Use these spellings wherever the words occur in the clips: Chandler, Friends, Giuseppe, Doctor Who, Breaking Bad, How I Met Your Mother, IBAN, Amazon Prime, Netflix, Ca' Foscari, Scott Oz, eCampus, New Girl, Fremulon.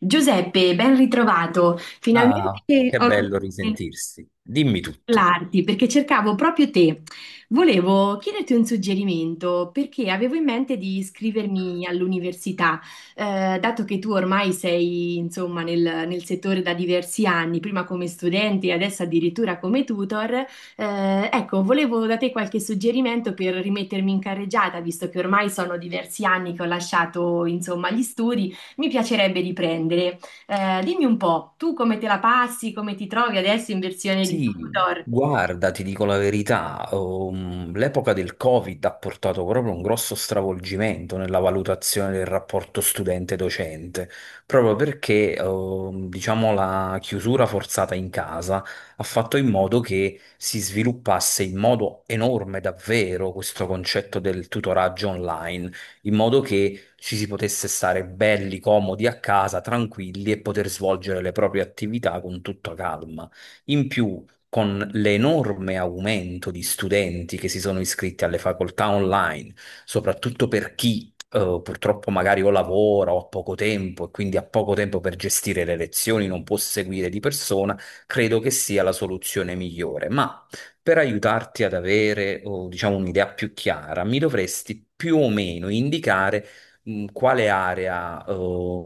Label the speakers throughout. Speaker 1: Giuseppe, ben ritrovato.
Speaker 2: Ah,
Speaker 1: Finalmente
Speaker 2: che
Speaker 1: ho
Speaker 2: bello
Speaker 1: potuto
Speaker 2: risentirsi. Dimmi tutto.
Speaker 1: parlarti perché cercavo proprio te. Volevo chiederti un suggerimento perché avevo in mente di iscrivermi all'università. Dato che tu ormai sei, insomma, nel settore da diversi anni, prima come studente e adesso addirittura come tutor. Ecco, volevo da te qualche suggerimento per rimettermi in carreggiata, visto che ormai sono diversi anni che ho lasciato, insomma, gli studi. Mi piacerebbe riprendere. Dimmi un po', tu come te la passi, come ti trovi adesso in versione di
Speaker 2: Sì,
Speaker 1: Tudor?
Speaker 2: guarda, ti dico la verità, l'epoca del Covid ha portato proprio un grosso stravolgimento nella valutazione del rapporto studente-docente, proprio perché, diciamo, la chiusura forzata in casa ha fatto in modo che si sviluppasse in modo enorme davvero questo concetto del tutoraggio online, in modo che ci si potesse stare belli, comodi a casa, tranquilli e poter svolgere le proprie attività con tutta calma. In più, con l'enorme aumento di studenti che si sono iscritti alle facoltà online, soprattutto per chi purtroppo magari o lavora o ha poco tempo e quindi ha poco tempo per gestire le lezioni, non può seguire di persona, credo che sia la soluzione migliore. Ma per aiutarti ad avere, diciamo, un'idea più chiara, mi dovresti più o meno indicare quale area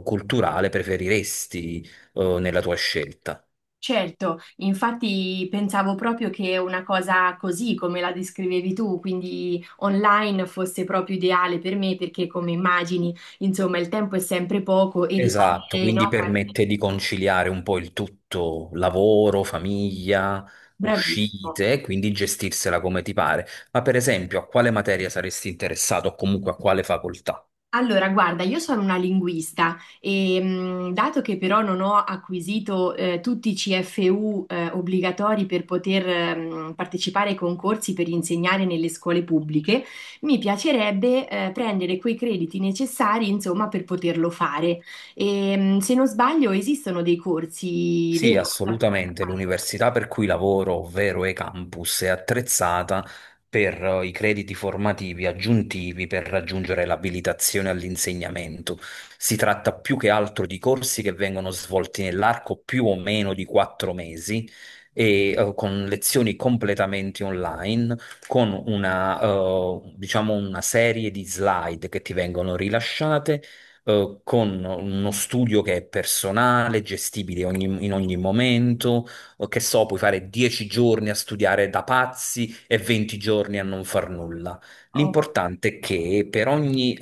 Speaker 2: culturale preferiresti nella tua scelta.
Speaker 1: Certo, infatti pensavo proprio che una cosa così come la descrivevi tu, quindi online, fosse proprio ideale per me perché come immagini, insomma, il tempo è sempre poco e
Speaker 2: Esatto,
Speaker 1: ritardi, no?
Speaker 2: quindi permette di conciliare un po' il tutto, lavoro, famiglia,
Speaker 1: Bravissimo.
Speaker 2: uscite, e quindi gestirsela come ti pare. Ma per esempio, a quale materia saresti interessato o comunque a quale facoltà?
Speaker 1: Allora, guarda, io sono una linguista e dato che però non ho acquisito tutti i CFU obbligatori per poter partecipare ai concorsi per insegnare nelle scuole pubbliche, mi piacerebbe prendere quei crediti necessari, insomma, per poterlo fare. E, se non sbaglio, esistono dei corsi
Speaker 2: Sì,
Speaker 1: veri da poter
Speaker 2: assolutamente.
Speaker 1: fare.
Speaker 2: L'università per cui lavoro, ovvero eCampus, è attrezzata per i crediti formativi aggiuntivi per raggiungere l'abilitazione all'insegnamento. Si tratta più che altro di corsi che vengono svolti nell'arco più o meno di 4 mesi e con lezioni completamente online, con una, diciamo una serie di slide che ti vengono rilasciate con uno studio che è personale, gestibile in ogni momento, o che so, puoi fare 10 giorni a studiare da pazzi e 20 giorni a non far nulla. L'importante è che per ogni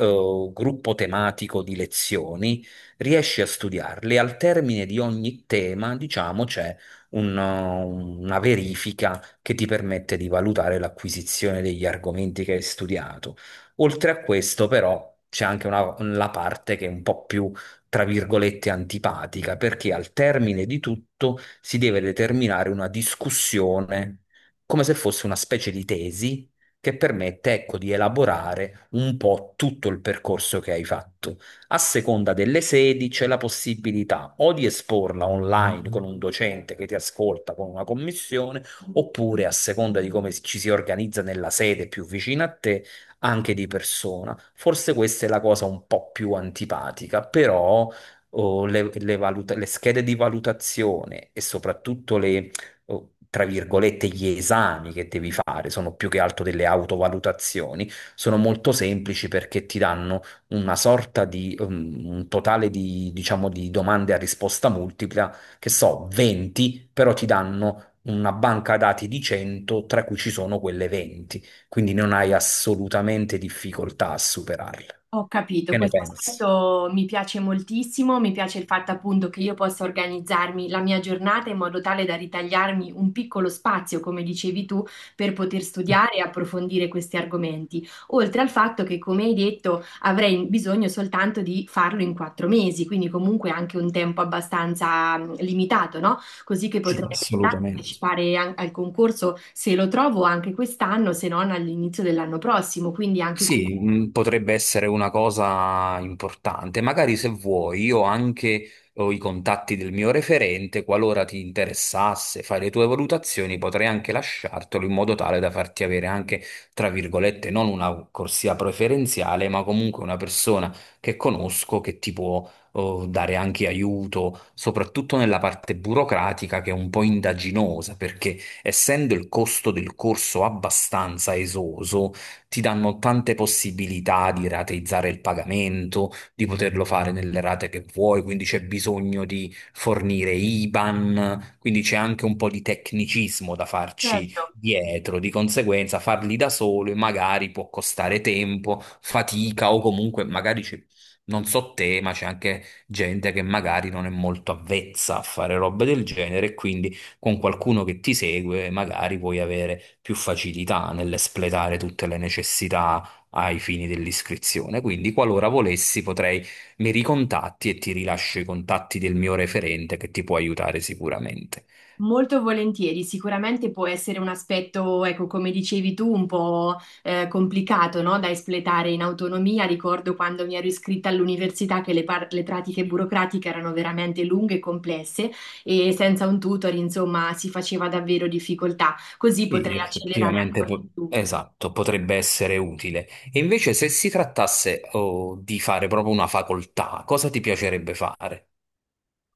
Speaker 2: gruppo tematico di lezioni riesci a studiarle. Al termine di ogni tema, diciamo, c'è una verifica che ti permette di valutare l'acquisizione degli argomenti che hai studiato. Oltre a questo, però, c'è anche una, la parte che è un po' più, tra virgolette, antipatica, perché al termine di tutto si deve determinare una discussione, come se fosse una specie di tesi che permette, ecco, di elaborare un po' tutto il percorso che hai fatto. A seconda delle sedi c'è la possibilità o di esporla online con un docente che ti ascolta con una commissione, oppure a seconda di come ci si organizza nella sede più vicina a te anche di persona. Forse questa è la cosa un po' più antipatica, però oh, le schede di valutazione e soprattutto le, oh, tra virgolette, gli esami che devi fare sono più che altro delle autovalutazioni, sono molto semplici perché ti danno una sorta di un totale di, diciamo, di domande a risposta multipla, che so, 20, però ti danno una banca dati di 100, tra cui ci sono quelle 20, quindi non hai assolutamente difficoltà a superarle.
Speaker 1: Ho capito,
Speaker 2: Che ne
Speaker 1: questo
Speaker 2: pensi?
Speaker 1: aspetto mi piace moltissimo, mi piace il fatto appunto che io possa organizzarmi la mia giornata in modo tale da ritagliarmi un piccolo spazio, come dicevi tu, per poter studiare e approfondire questi argomenti, oltre al fatto che, come hai detto, avrei bisogno soltanto di farlo in quattro mesi, quindi comunque anche un tempo abbastanza limitato, no? Così che
Speaker 2: Sì,
Speaker 1: potrei
Speaker 2: assolutamente.
Speaker 1: partecipare al concorso se lo trovo anche quest'anno, se non all'inizio dell'anno prossimo, quindi anche.
Speaker 2: Sì, potrebbe essere una cosa importante. Magari se vuoi, io anche ho i contatti del mio referente, qualora ti interessasse fare le tue valutazioni, potrei anche lasciartelo in modo tale da farti avere anche, tra virgolette, non una corsia preferenziale, ma comunque una persona che conosco che ti può, dare anche aiuto, soprattutto nella parte burocratica che è un po' indaginosa, perché essendo il costo del corso abbastanza esoso, ti danno tante possibilità di rateizzare il pagamento, di poterlo fare nelle rate che vuoi, quindi c'è bisogno di fornire IBAN, quindi c'è anche un po' di tecnicismo da farci dietro, di conseguenza farli da solo magari può costare tempo, fatica o comunque magari c'è- Non so te, ma c'è anche gente che magari non è molto avvezza a fare robe del genere, e quindi con qualcuno che ti segue, magari puoi avere più facilità nell'espletare tutte le necessità ai fini dell'iscrizione. Quindi, qualora volessi, potrei mi ricontatti e ti rilascio i contatti del mio referente che ti può aiutare sicuramente.
Speaker 1: Molto volentieri, sicuramente può essere un aspetto, ecco, come dicevi tu, un po' complicato, no? Da espletare in autonomia. Ricordo quando mi ero iscritta all'università che le pratiche burocratiche erano veramente lunghe e complesse e senza un tutor, insomma, si faceva davvero difficoltà. Così
Speaker 2: Sì,
Speaker 1: potrei accelerare
Speaker 2: effettivamente,
Speaker 1: ancora di più.
Speaker 2: esatto, potrebbe essere utile. E invece, se si trattasse, di fare proprio una facoltà, cosa ti piacerebbe fare?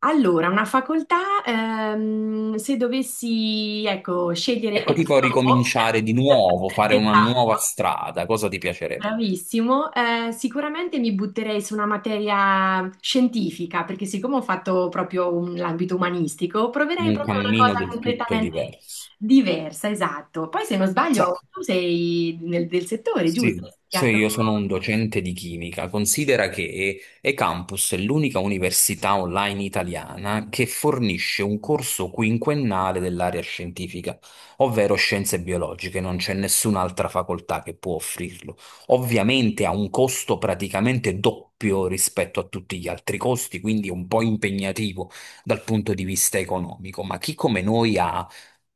Speaker 1: Allora, una facoltà, se dovessi, ecco, scegliere
Speaker 2: Ecco,
Speaker 1: ex
Speaker 2: tipo
Speaker 1: novo,
Speaker 2: ricominciare di nuovo, fare una nuova
Speaker 1: esatto.
Speaker 2: strada, cosa ti piacerebbe?
Speaker 1: Bravissimo. Sicuramente mi butterei su una materia scientifica, perché siccome ho fatto proprio l'ambito umanistico, proverei
Speaker 2: Un
Speaker 1: proprio una
Speaker 2: cammino
Speaker 1: cosa
Speaker 2: del tutto
Speaker 1: completamente
Speaker 2: diverso.
Speaker 1: diversa, esatto. Poi se non
Speaker 2: Sa-
Speaker 1: sbaglio, tu sei del settore, giusto? Hai
Speaker 2: Sì, cioè
Speaker 1: studiato-
Speaker 2: io sono un docente di chimica. Considera che eCampus è l'unica università online italiana che fornisce un corso quinquennale dell'area scientifica, ovvero scienze biologiche. Non c'è nessun'altra facoltà che può offrirlo. Ovviamente ha un costo praticamente doppio rispetto a tutti gli altri costi, quindi è un po' impegnativo dal punto di vista economico, ma chi come noi ha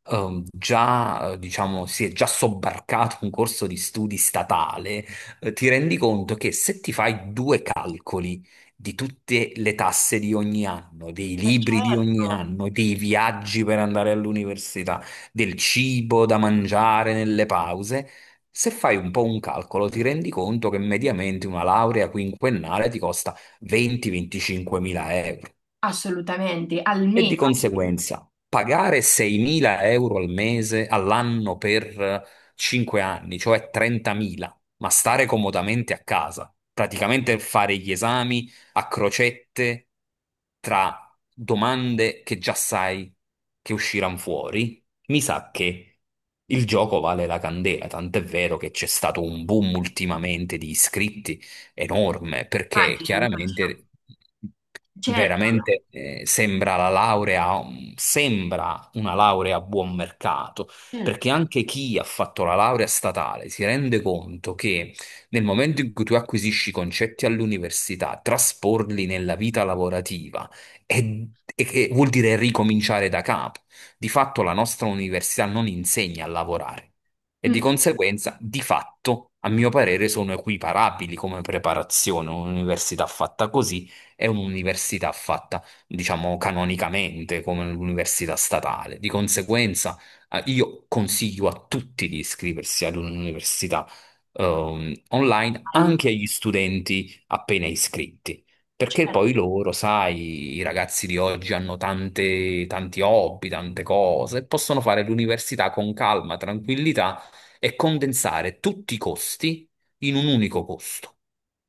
Speaker 2: già, diciamo, si è già sobbarcato un corso di studi statale, ti rendi conto che se ti fai due calcoli di tutte le tasse di ogni anno, dei libri di ogni
Speaker 1: Certo,
Speaker 2: anno, dei viaggi per andare all'università, del cibo da mangiare nelle pause, se fai un po' un calcolo, ti rendi conto che mediamente una laurea quinquennale ti costa 20-25 mila euro.
Speaker 1: assolutamente,
Speaker 2: E
Speaker 1: almeno,
Speaker 2: di conseguenza, pagare 6.000 euro al mese, all'anno per 5 anni, cioè 30.000, ma stare comodamente a casa, praticamente fare gli esami a crocette tra domande che già sai che usciranno fuori, mi sa che il gioco vale la candela, tant'è vero che c'è stato un boom ultimamente di iscritti enorme, perché
Speaker 1: immagino, immagino.
Speaker 2: chiaramente...
Speaker 1: Certo,
Speaker 2: Veramente sembra la laurea, sembra una laurea a buon mercato,
Speaker 1: certo.
Speaker 2: perché anche chi ha fatto la laurea statale si rende conto che nel momento in cui tu acquisisci i concetti all'università, trasporli nella vita lavorativa e, e che vuol dire ricominciare da capo. Di fatto la nostra università non insegna a lavorare e di
Speaker 1: Mm,
Speaker 2: conseguenza, di fatto, a mio parere, sono equiparabili come preparazione, un'università fatta così è un'università fatta, diciamo, canonicamente come l'università statale. Di conseguenza, io consiglio a tutti di iscriversi ad un'università online,
Speaker 1: mm,
Speaker 2: anche agli studenti appena iscritti. Perché
Speaker 1: certo.
Speaker 2: poi loro, sai, i ragazzi di oggi hanno tante, tanti hobby, tante cose, e possono fare l'università con calma, tranquillità e condensare tutti i costi in un unico costo.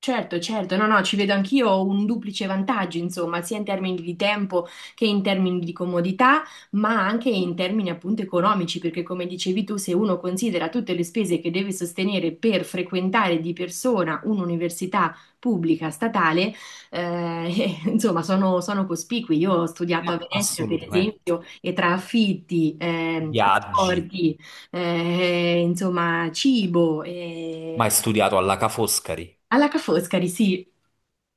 Speaker 1: Certo, certo, no, no, ci vedo anch'io un duplice vantaggio, insomma, sia in termini di tempo che in termini di comodità, ma anche in termini appunto economici, perché come dicevi tu, se uno considera tutte le spese che deve sostenere per frequentare di persona un'università pubblica statale, insomma, sono cospicui. Io ho studiato a
Speaker 2: Ma
Speaker 1: Venezia, per
Speaker 2: assolutamente.
Speaker 1: esempio, e tra affitti,
Speaker 2: Viaggi,
Speaker 1: trasporti, insomma, cibo,
Speaker 2: ma hai studiato alla Ca' Foscari?
Speaker 1: alla Ca' Foscari, sì,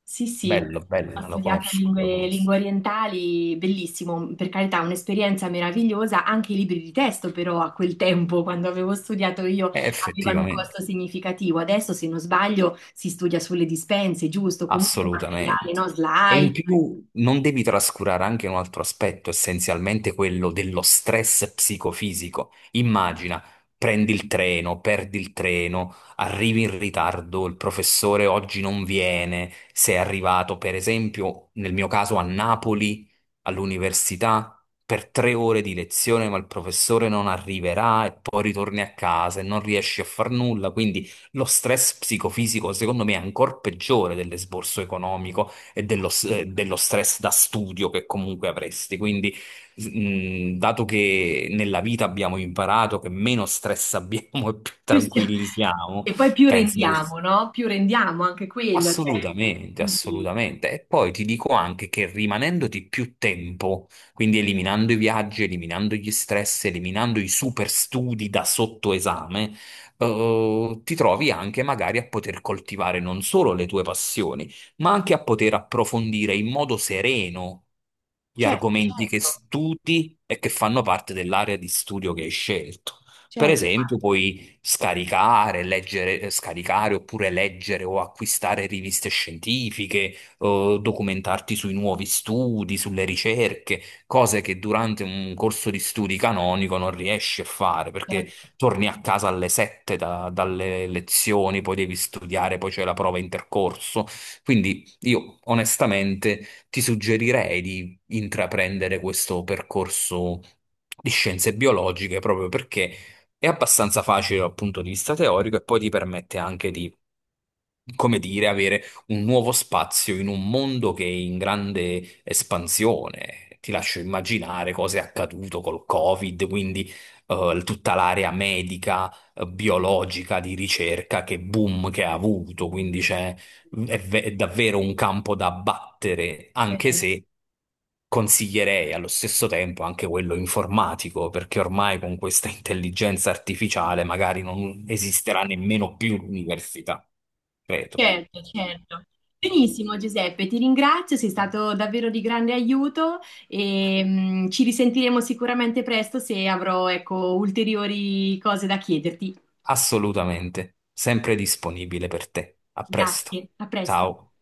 Speaker 1: sì, sì,
Speaker 2: Bello,
Speaker 1: ho
Speaker 2: bello, la
Speaker 1: studiato
Speaker 2: conosco, la
Speaker 1: lingue,
Speaker 2: conosco.
Speaker 1: lingue orientali, bellissimo, per carità, un'esperienza meravigliosa, anche i libri di testo però a quel tempo, quando avevo studiato io, avevano un
Speaker 2: Effettivamente.
Speaker 1: costo significativo, adesso se non sbaglio si studia sulle dispense, giusto, comunque materiale,
Speaker 2: Assolutamente.
Speaker 1: no?
Speaker 2: E in
Speaker 1: Slide,
Speaker 2: più non devi trascurare anche un altro aspetto, essenzialmente quello dello stress psicofisico. Immagina, prendi il treno, perdi il treno, arrivi in ritardo, il professore oggi non viene, sei arrivato, per esempio, nel mio caso a Napoli, all'università. Per 3 ore di lezione, ma il professore non arriverà e poi ritorni a casa e non riesci a far nulla, quindi lo stress psicofisico, secondo me, è ancora peggiore dell'esborso economico e dello stress da studio che comunque avresti. Quindi, dato che nella vita abbiamo imparato che meno stress abbiamo e più
Speaker 1: più stia-
Speaker 2: tranquilli siamo,
Speaker 1: e poi più
Speaker 2: penso che
Speaker 1: rendiamo, no? Più rendiamo anche quello, cioè,
Speaker 2: assolutamente,
Speaker 1: quindi
Speaker 2: assolutamente. E poi ti dico anche che rimanendoti più tempo, quindi eliminando i viaggi, eliminando gli stress, eliminando i super studi da sottoesame, ti trovi anche magari a poter coltivare non solo le tue passioni, ma anche a poter approfondire in modo sereno gli
Speaker 1: certo,
Speaker 2: argomenti che
Speaker 1: certo,
Speaker 2: studi e che fanno parte dell'area di studio che hai scelto. Per
Speaker 1: certo,
Speaker 2: esempio, puoi scaricare, leggere, scaricare oppure leggere o acquistare riviste scientifiche, o documentarti sui nuovi studi, sulle ricerche, cose che durante un corso di studi canonico non riesci a fare perché
Speaker 1: certo.
Speaker 2: torni a casa alle 7 dalle lezioni, poi devi studiare, poi c'è la prova intercorso. Quindi io onestamente ti suggerirei di intraprendere questo percorso di scienze biologiche proprio perché è abbastanza facile dal punto di vista teorico e poi ti permette anche di, come dire, avere un nuovo spazio in un mondo che è in grande espansione. Ti lascio immaginare cosa è accaduto col Covid, quindi tutta l'area medica, biologica, di ricerca, che boom che ha avuto. Quindi è davvero un campo da battere, anche
Speaker 1: Bene.
Speaker 2: se consiglierei allo stesso tempo anche quello informatico, perché ormai con questa intelligenza artificiale magari non esisterà nemmeno più l'università. Credo.
Speaker 1: Certo, certo. Benissimo Giuseppe, ti ringrazio, sei stato davvero di grande aiuto e ci risentiremo sicuramente presto se avrò, ecco, ulteriori cose da chiederti.
Speaker 2: Assolutamente. Sempre disponibile per te. A presto.
Speaker 1: Grazie, a presto.
Speaker 2: Ciao.